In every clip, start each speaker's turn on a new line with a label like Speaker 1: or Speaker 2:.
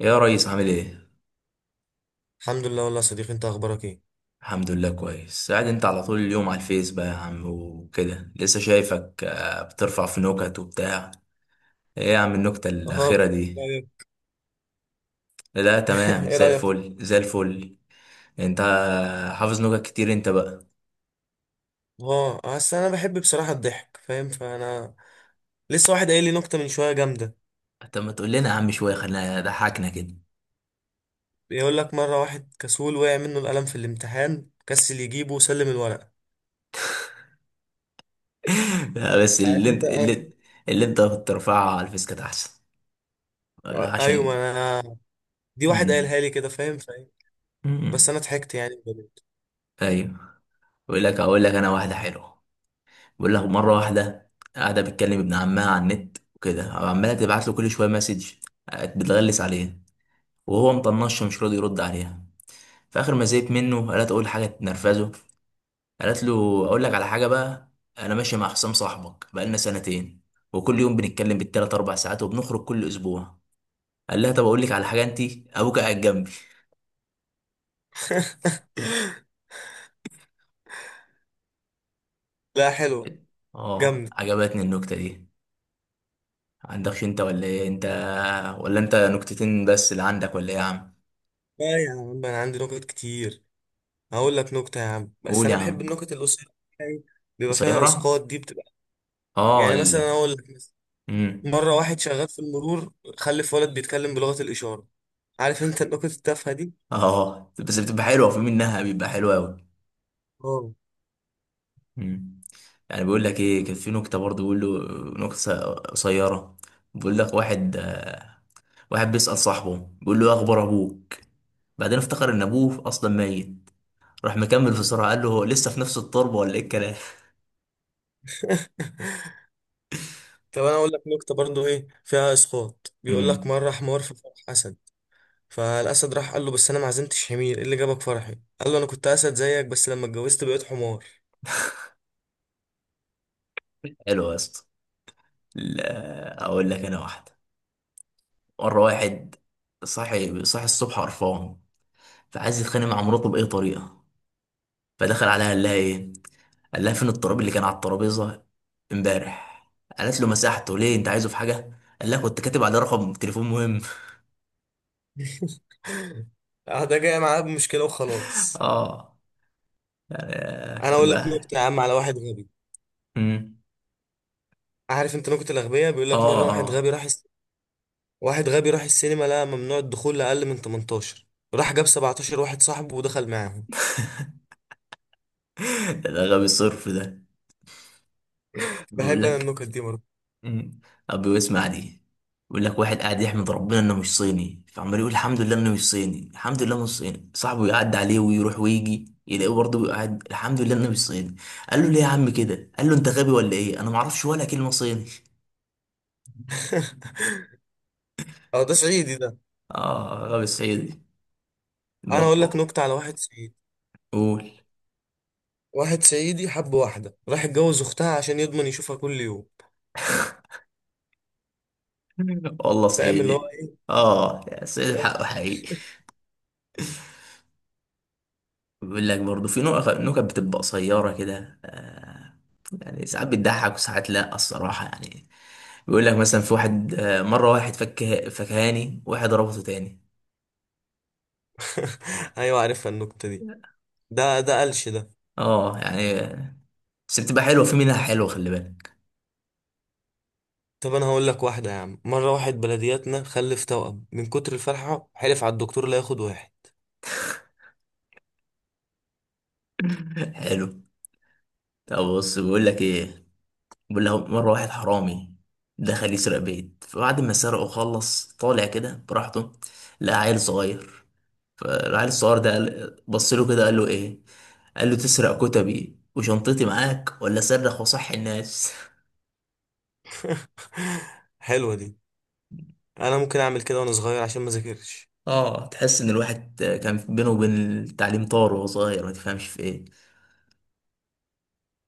Speaker 1: يا ريس عامل ايه؟
Speaker 2: الحمد لله والله يا صديقي، انت اخبارك ايه؟
Speaker 1: الحمد لله كويس. قاعد انت على طول اليوم على الفيس بقى يا عم وكده، لسه شايفك بترفع في نكت وبتاع. ايه يا عم النكتة
Speaker 2: اه
Speaker 1: الأخيرة
Speaker 2: بس.
Speaker 1: دي؟
Speaker 2: طيب.
Speaker 1: لا تمام،
Speaker 2: ايه
Speaker 1: زي
Speaker 2: رايك؟
Speaker 1: الفل زي الفل. انت حافظ نكت كتير انت بقى.
Speaker 2: اه اصل انا بحب بصراحه الضحك، فاهم، فانا لسه واحد قايل لي نكته من شويه جامده.
Speaker 1: طب ما تقول لنا يا عم شوية، خلينا ضحكنا كده.
Speaker 2: بيقول لك مره واحد كسول وقع منه القلم في الامتحان، كسل يجيبه وسلم الورقه.
Speaker 1: لا بس
Speaker 2: انت عارف
Speaker 1: اللي انت
Speaker 2: انا بحب-
Speaker 1: اللي انت بترفعها على الفيس كانت أحسن.
Speaker 2: اه، ايوه،
Speaker 1: عشان...
Speaker 2: ما انا دي واحد
Speaker 1: مم.
Speaker 2: قايلها لي كده، فاهم. بس
Speaker 1: مم.
Speaker 2: انا ضحكت يعني بجد.
Speaker 1: ايوه. اقول لك انا واحدة حلوة. بقول له مره واحده قاعده بتكلم ابن عمها على النت وكده، وعماله تبعت له كل شويه مسج، بتغلس عليه وهو مطنشه مش راضي يرد عليها. في اخر ما زهقت منه قالت اقول حاجه تنرفزه. قالت له اقول لك على حاجه بقى، انا ماشي مع حسام صاحبك بقالنا سنتين، وكل يوم بنتكلم بالتلات اربع ساعات وبنخرج كل اسبوع. قال لها طب اقول لك على حاجه انت، ابوك قاعد جنبي.
Speaker 2: لا، حلو.
Speaker 1: اه
Speaker 2: جامد.
Speaker 1: عجبتني النكته دي. عندكش انت ولا ايه انت؟ ولا انت نكتتين بس اللي عندك ولا ايه يا عم؟
Speaker 2: لا يا عم، انا عندي نكت كتير. هقول لك نكته يا عم، بس
Speaker 1: قول
Speaker 2: انا
Speaker 1: يا
Speaker 2: بحب
Speaker 1: عم.
Speaker 2: النكت القصيره، بيبقى فيها
Speaker 1: قصيرة.
Speaker 2: اسقاط، دي بتبقى
Speaker 1: اه
Speaker 2: يعني
Speaker 1: ال...
Speaker 2: مثلا. اقول لك مثلا:
Speaker 1: مم.
Speaker 2: مره واحد شغال في المرور، خلف ولد بيتكلم بلغه الاشاره. عارف انت النكت التافهه دي.
Speaker 1: اه بس بتبقى حلوة، في منها بيبقى حلو أوي.
Speaker 2: اه.
Speaker 1: مم. يعني بيقول لك ايه، كان في نكتة برضه بيقول له نكتة قصيرة. بيقول لك واحد، واحد بيسأل صاحبه بيقول له إيه أخبار أبوك، بعدين افتكر إن أبوه أصلا ميت، راح مكمل في سرعة قال له هو لسه في نفس التربة ولا إيه الكلام.
Speaker 2: طب انا اقول لك نكته برضو ايه فيها اسقاط. بيقول لك:
Speaker 1: مم.
Speaker 2: مره حمار في فرح اسد، فالاسد راح قال له: بس انا ما عزمتش حمير، ايه اللي جابك فرحي؟ قال له: انا كنت اسد زيك، بس لما اتجوزت بقيت حمار.
Speaker 1: حلو يا اسطى. لا، أقول لك أنا واحدة. مرة واحد صاحي صاحي الصبح قرفان، فعايز يتخانق مع مراته بأي طريقة، فدخل عليها قال لها ايه، قال لها فين التراب اللي كان على الترابيزه امبارح. قالت له مسحته ليه انت عايزه في حاجه، قال لها كنت كاتب عليه رقم تليفون مهم.
Speaker 2: اه، ده جاي معاه بمشكله وخلاص.
Speaker 1: اه.
Speaker 2: انا
Speaker 1: يعني-
Speaker 2: اقول لك
Speaker 1: ما-
Speaker 2: نكته يا عم على واحد غبي.
Speaker 1: مم.
Speaker 2: عارف انت نكته الاغبياء؟ بيقول
Speaker 1: اه
Speaker 2: لك مره واحد
Speaker 1: اه.
Speaker 2: غبي راح، واحد غبي راح السينما، لقى ممنوع الدخول لأقل من 18، راح جاب 17 واحد صاحبه ودخل معاهم.
Speaker 1: ده غبي الصرف ده. بيقول
Speaker 2: بحب انا
Speaker 1: لك...
Speaker 2: النكت دي برضه.
Speaker 1: مم. أبي اسمع دي. بيقول لك واحد قاعد يحمد ربنا انه مش صيني، فعمال يقول الحمد لله انه مش صيني، الحمد لله مش صيني. صاحبه يعدي عليه ويروح ويجي يلاقيه برضه قاعد الحمد لله انه مش صيني. قال له ليه يا عم كده، قال له انت غبي ولا ايه، انا ما اعرفش ولا كلمه صيني.
Speaker 2: اه، ده صعيدي ده.
Speaker 1: اه غبي صعيدي
Speaker 2: انا
Speaker 1: المخ.
Speaker 2: اقول لك نكتة على واحد صعيدي.
Speaker 1: قول.
Speaker 2: واحد صعيدي حب واحدة، راح اتجوز اختها عشان يضمن يشوفها كل يوم.
Speaker 1: والله
Speaker 2: فاهم اللي هو
Speaker 1: صعيدي.
Speaker 2: ايه.
Speaker 1: اه صعيدي الحق حقيقي. بيقول لك برضه في نكت بتبقى قصيرة كده، يعني ساعات بتضحك وساعات لا، الصراحة يعني. بيقول لك مثلا في واحد، مرة واحد فك فكهاني، واحد ربطه تاني.
Speaker 2: ايوه، عارفها النكتة دي، ده قلش ده.
Speaker 1: اه يعني بس بتبقى حلوة، في منها حلوة خلي بالك.
Speaker 2: طب انا هقول لك واحدة يا عم. مرة واحد بلدياتنا خلف توأم، من كتر الفرحة حلف على الدكتور لا ياخد واحد.
Speaker 1: حلو. طب بص بيقول لك ايه، بيقول له مرة واحد حرامي دخل يسرق بيت، فبعد ما سرقه خلص طالع كده براحته، لقى عيل صغير. فالعيل الصغير ده بص له كده قال له ايه، قال له تسرق كتبي وشنطتي معاك ولا صرخ وصحي الناس.
Speaker 2: حلوة دي. انا ممكن اعمل كده وانا صغير عشان ما ذاكرش.
Speaker 1: اه تحس ان الواحد كان بينه وبين التعليم طار وهو صغير، ما تفهمش في ايه.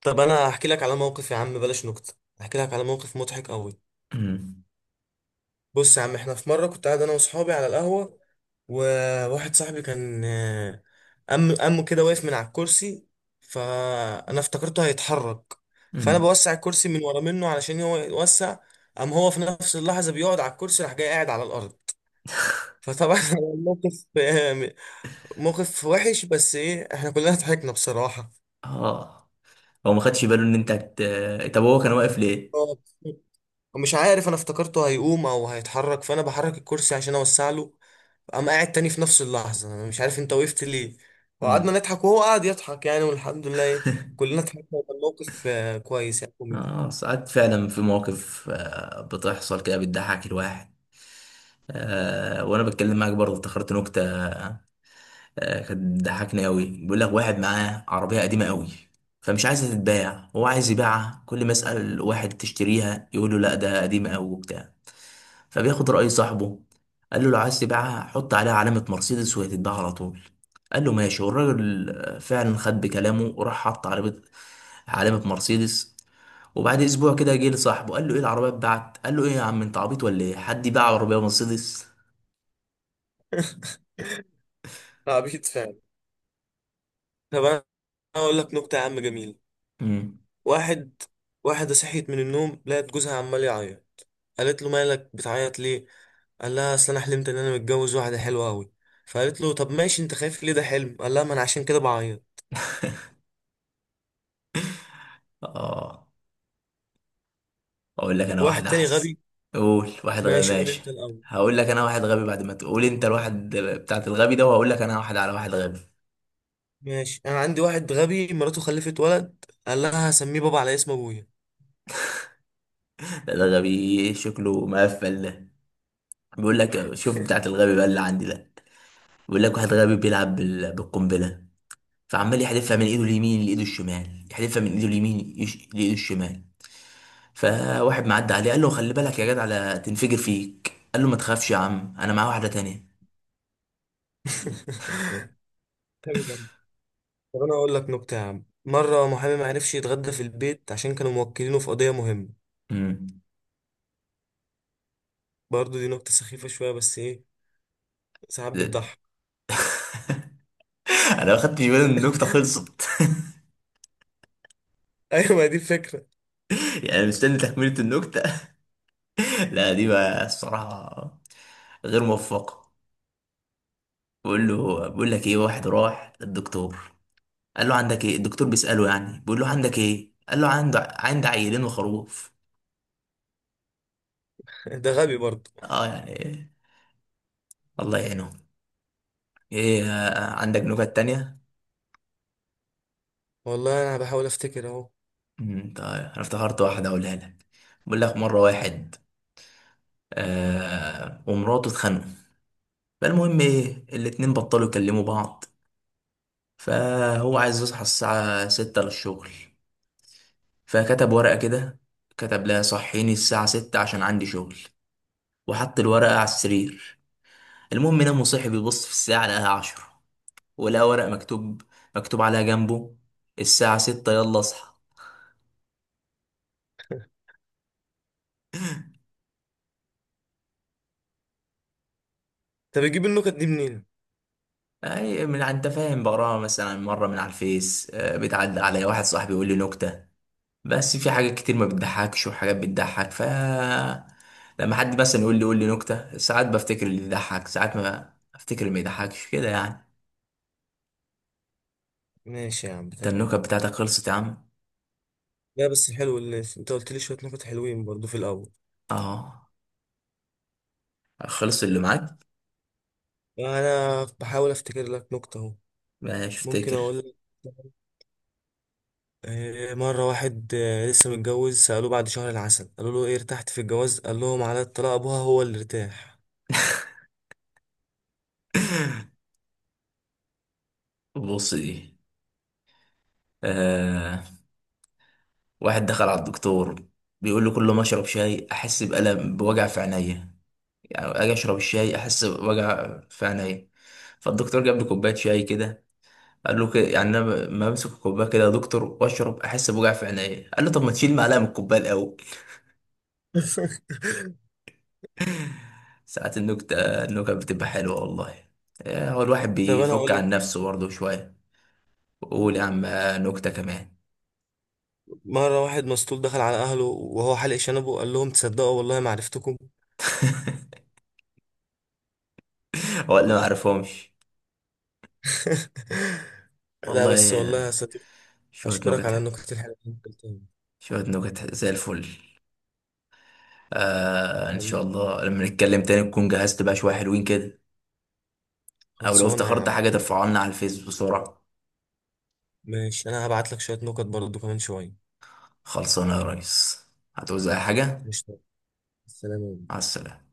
Speaker 2: طب انا هحكي لك على موقف يا عم، بلاش نكت، هحكي لك على موقف مضحك قوي.
Speaker 1: أمم،
Speaker 2: بص يا عم، احنا في مره كنت قاعد انا واصحابي على القهوه، وواحد صاحبي كان أمه كده واقف من على الكرسي، فانا افتكرته هيتحرك، فانا
Speaker 1: أمم.
Speaker 2: بوسع الكرسي من ورا منه علشان هو يوسع، قام هو في نفس اللحظه بيقعد على الكرسي، راح جاي قاعد على الارض. فطبعا الموقف موقف وحش، بس ايه، احنا كلنا ضحكنا بصراحه.
Speaker 1: اه. هو ما خدش باله ان انت طب هو كان واقف ليه؟
Speaker 2: ومش عارف، انا افتكرته هيقوم او هيتحرك، فانا بحرك الكرسي عشان اوسع له، قام قاعد تاني في نفس اللحظه. انا مش عارف انت وقفت ليه. وقعدنا
Speaker 1: أمم.
Speaker 2: نضحك وهو قعد يضحك يعني، والحمد لله كلنا ضحكنا، وكان موقف كويس يعني، كوميدي.
Speaker 1: اه ساعات فعلا في مواقف، بتحصل كده بتضحك الواحد. آه وانا بتكلم معاك برضه افتكرت نكتة، كانت ضحكني قوي. بيقول لك واحد معاه عربية قديمة قوي، فمش عايزة تتباع، هو عايز يبيعها، كل ما يسأل واحد تشتريها يقول له لا ده قديمة قوي وبتاع. فبياخد رأي صاحبه، قال له لو عايز تبيعها حط عليها علامة مرسيدس وهي تتباع على طول. قال له ماشي. والراجل، فعلا خد بكلامه وراح حط علامة علامة مرسيدس. وبعد اسبوع كده جه لصاحبه قال له ايه العربية اتباعت، قال له ايه يا عم انت عبيط ولا ايه، حد يباع عربية مرسيدس.
Speaker 2: عبيط فعلا. طب انا اقول لك نكته يا عم جميل.
Speaker 1: امم.
Speaker 2: واحد، واحده صحيت من النوم لقت جوزها عمال يعيط، قالت له: مالك بتعيط ليه؟ قال لها: اصل انا حلمت ان انا متجوز واحده حلوه قوي. فقالت له: طب ماشي، انت خايف ليه؟ ده حلم. قال لها: ما انا عشان كده بعيط.
Speaker 1: اه اقول لك انا واحد
Speaker 2: واحد تاني
Speaker 1: احس.
Speaker 2: غبي
Speaker 1: قول واحد غبي
Speaker 2: ماشي. قول
Speaker 1: ماشي.
Speaker 2: انت الاول.
Speaker 1: هقول لك انا واحد غبي بعد ما تقول انت الواحد بتاعت الغبي ده، وهقول لك انا واحد على واحد غبي.
Speaker 2: ماشي، انا عندي واحد غبي مراته خلفت ولد، قال لها: هسميه بابا على اسم ابويا.
Speaker 1: ده غبي شكله مقفل ده. بيقول لك شوف بتاعت الغبي بقى اللي عندي ده. بيقول لك واحد غبي بيلعب بالقنبله، فعمال يحدفها من ايده اليمين لايده الشمال، يحدفها من ايده اليمين لايده الشمال. فواحد معدي عليه قال له خلي بالك يا جدع لا تنفجر فيك، قال له ما تخافش يا عم انا معايا واحده تانية.
Speaker 2: غبي برضه. طب انا اقول لك نكته يا عم. مره محامي ما عرفش يتغدى في البيت عشان كانوا موكلينه في قضيه مهمه.
Speaker 1: امم.
Speaker 2: برضه دي نكته سخيفه شويه، بس ايه، ساعات بتضحك.
Speaker 1: انا ما خدتش بالي ان النكته خلصت.
Speaker 2: ايوه، ما دي الفكره.
Speaker 1: يعني مستني تكملة النكتة. لا دي بقى الصراحة غير موفقة. بقول لك ايه واحد راح للدكتور، قال له عندك ايه، الدكتور بيسأله يعني بيقول له عندك ايه، قال له عندي عيلين وخروف.
Speaker 2: ده غبي برضه.
Speaker 1: اه يعني، الله يعينهم. ايه، عندك نكت تانية؟
Speaker 2: والله انا بحاول افتكر اهو.
Speaker 1: طيب انا افتكرت واحدة اقولها لك. بقول لك مرة واحد آه ومراته اتخانقوا، فالمهم ايه الاتنين بطلوا يكلموا بعض. فهو عايز يصحى الساعة ستة للشغل، فكتب ورقة كده، كتب لها صحيني الساعة ستة عشان عندي شغل، وحط الورقة على السرير. المهم نام وصحي بيبص في الساعة لقاها عشرة، ولقى ورقة مكتوب عليها جنبه، الساعة ستة يلا اصحى.
Speaker 2: طب بتجيب النكت دي منين؟
Speaker 1: أي من أنت فاهم، بقراها مثلا مرة من على الفيس، بتعدي عليا واحد صاحبي يقول لي نكتة. بس في حاجات كتير ما بتضحكش وحاجات بتضحك لما حد مثلا يقول لي نكتة ساعات بفتكر اللي يضحك، ساعات ما افتكر اللي ما يضحكش كده يعني.
Speaker 2: ماشي يا عم
Speaker 1: انت النكت
Speaker 2: تمام.
Speaker 1: بتاعتك خلصت يا عم؟
Speaker 2: لا بس حلو اللي انت قلت لي، شويه نكت حلوين برضه في الاول.
Speaker 1: اه. خلص اللي معاك.
Speaker 2: انا بحاول افتكر لك نكته اهو.
Speaker 1: ماشي
Speaker 2: ممكن
Speaker 1: افتكر.
Speaker 2: اقول لك مرة واحد لسه متجوز، سألوه بعد شهر العسل، قالوا له: ايه، ارتحت في الجواز؟ قال لهم: على الطلاق، ابوها هو اللي ارتاح.
Speaker 1: بص دي. آه. واحد دخل على الدكتور بيقول له كل ما اشرب شاي احس بوجع في عينيا، يعني اجي اشرب الشاي احس بوجع في عينيا. فالدكتور جاب له كوبايه شاي كده قال له كده يعني، انا ما امسك الكوبايه كده يا دكتور واشرب احس بوجع في عينيا، قال له طب ما تشيل معلقه من الكوبايه الاول. ساعات النكته، النكت بتبقى حلوه والله. هو الواحد
Speaker 2: طب انا
Speaker 1: بيفك
Speaker 2: اقول
Speaker 1: عن
Speaker 2: لك:
Speaker 1: نفسه برضه شويه. قول يا عم نكتة كمان.
Speaker 2: مرة واحد مسطول دخل على اهله وهو حلق شنبه، قال لهم: تصدقوا والله ما عرفتكم.
Speaker 1: ولا ما اعرفهمش
Speaker 2: لا بس والله يا
Speaker 1: والله.
Speaker 2: صديقي،
Speaker 1: شوية
Speaker 2: اشكرك على
Speaker 1: نكت.
Speaker 2: النكت الحلوة اللي انت قلتها.
Speaker 1: شوية نكت زي الفل. آه ان شاء
Speaker 2: حبيبي.
Speaker 1: الله لما نتكلم تاني تكون جهزت بقى شوية حلوين كده، او لو
Speaker 2: خلصانة يا
Speaker 1: افتكرت
Speaker 2: عم.
Speaker 1: حاجة ترفعها لنا على الفيس بسرعة.
Speaker 2: ماشي، انا هبعت لك شوية نكت برضه كمان شوية.
Speaker 1: خلصانة يا ريس. هتعوز اي حاجة.
Speaker 2: مش السلام
Speaker 1: مع
Speaker 2: عليكم.
Speaker 1: السلامة.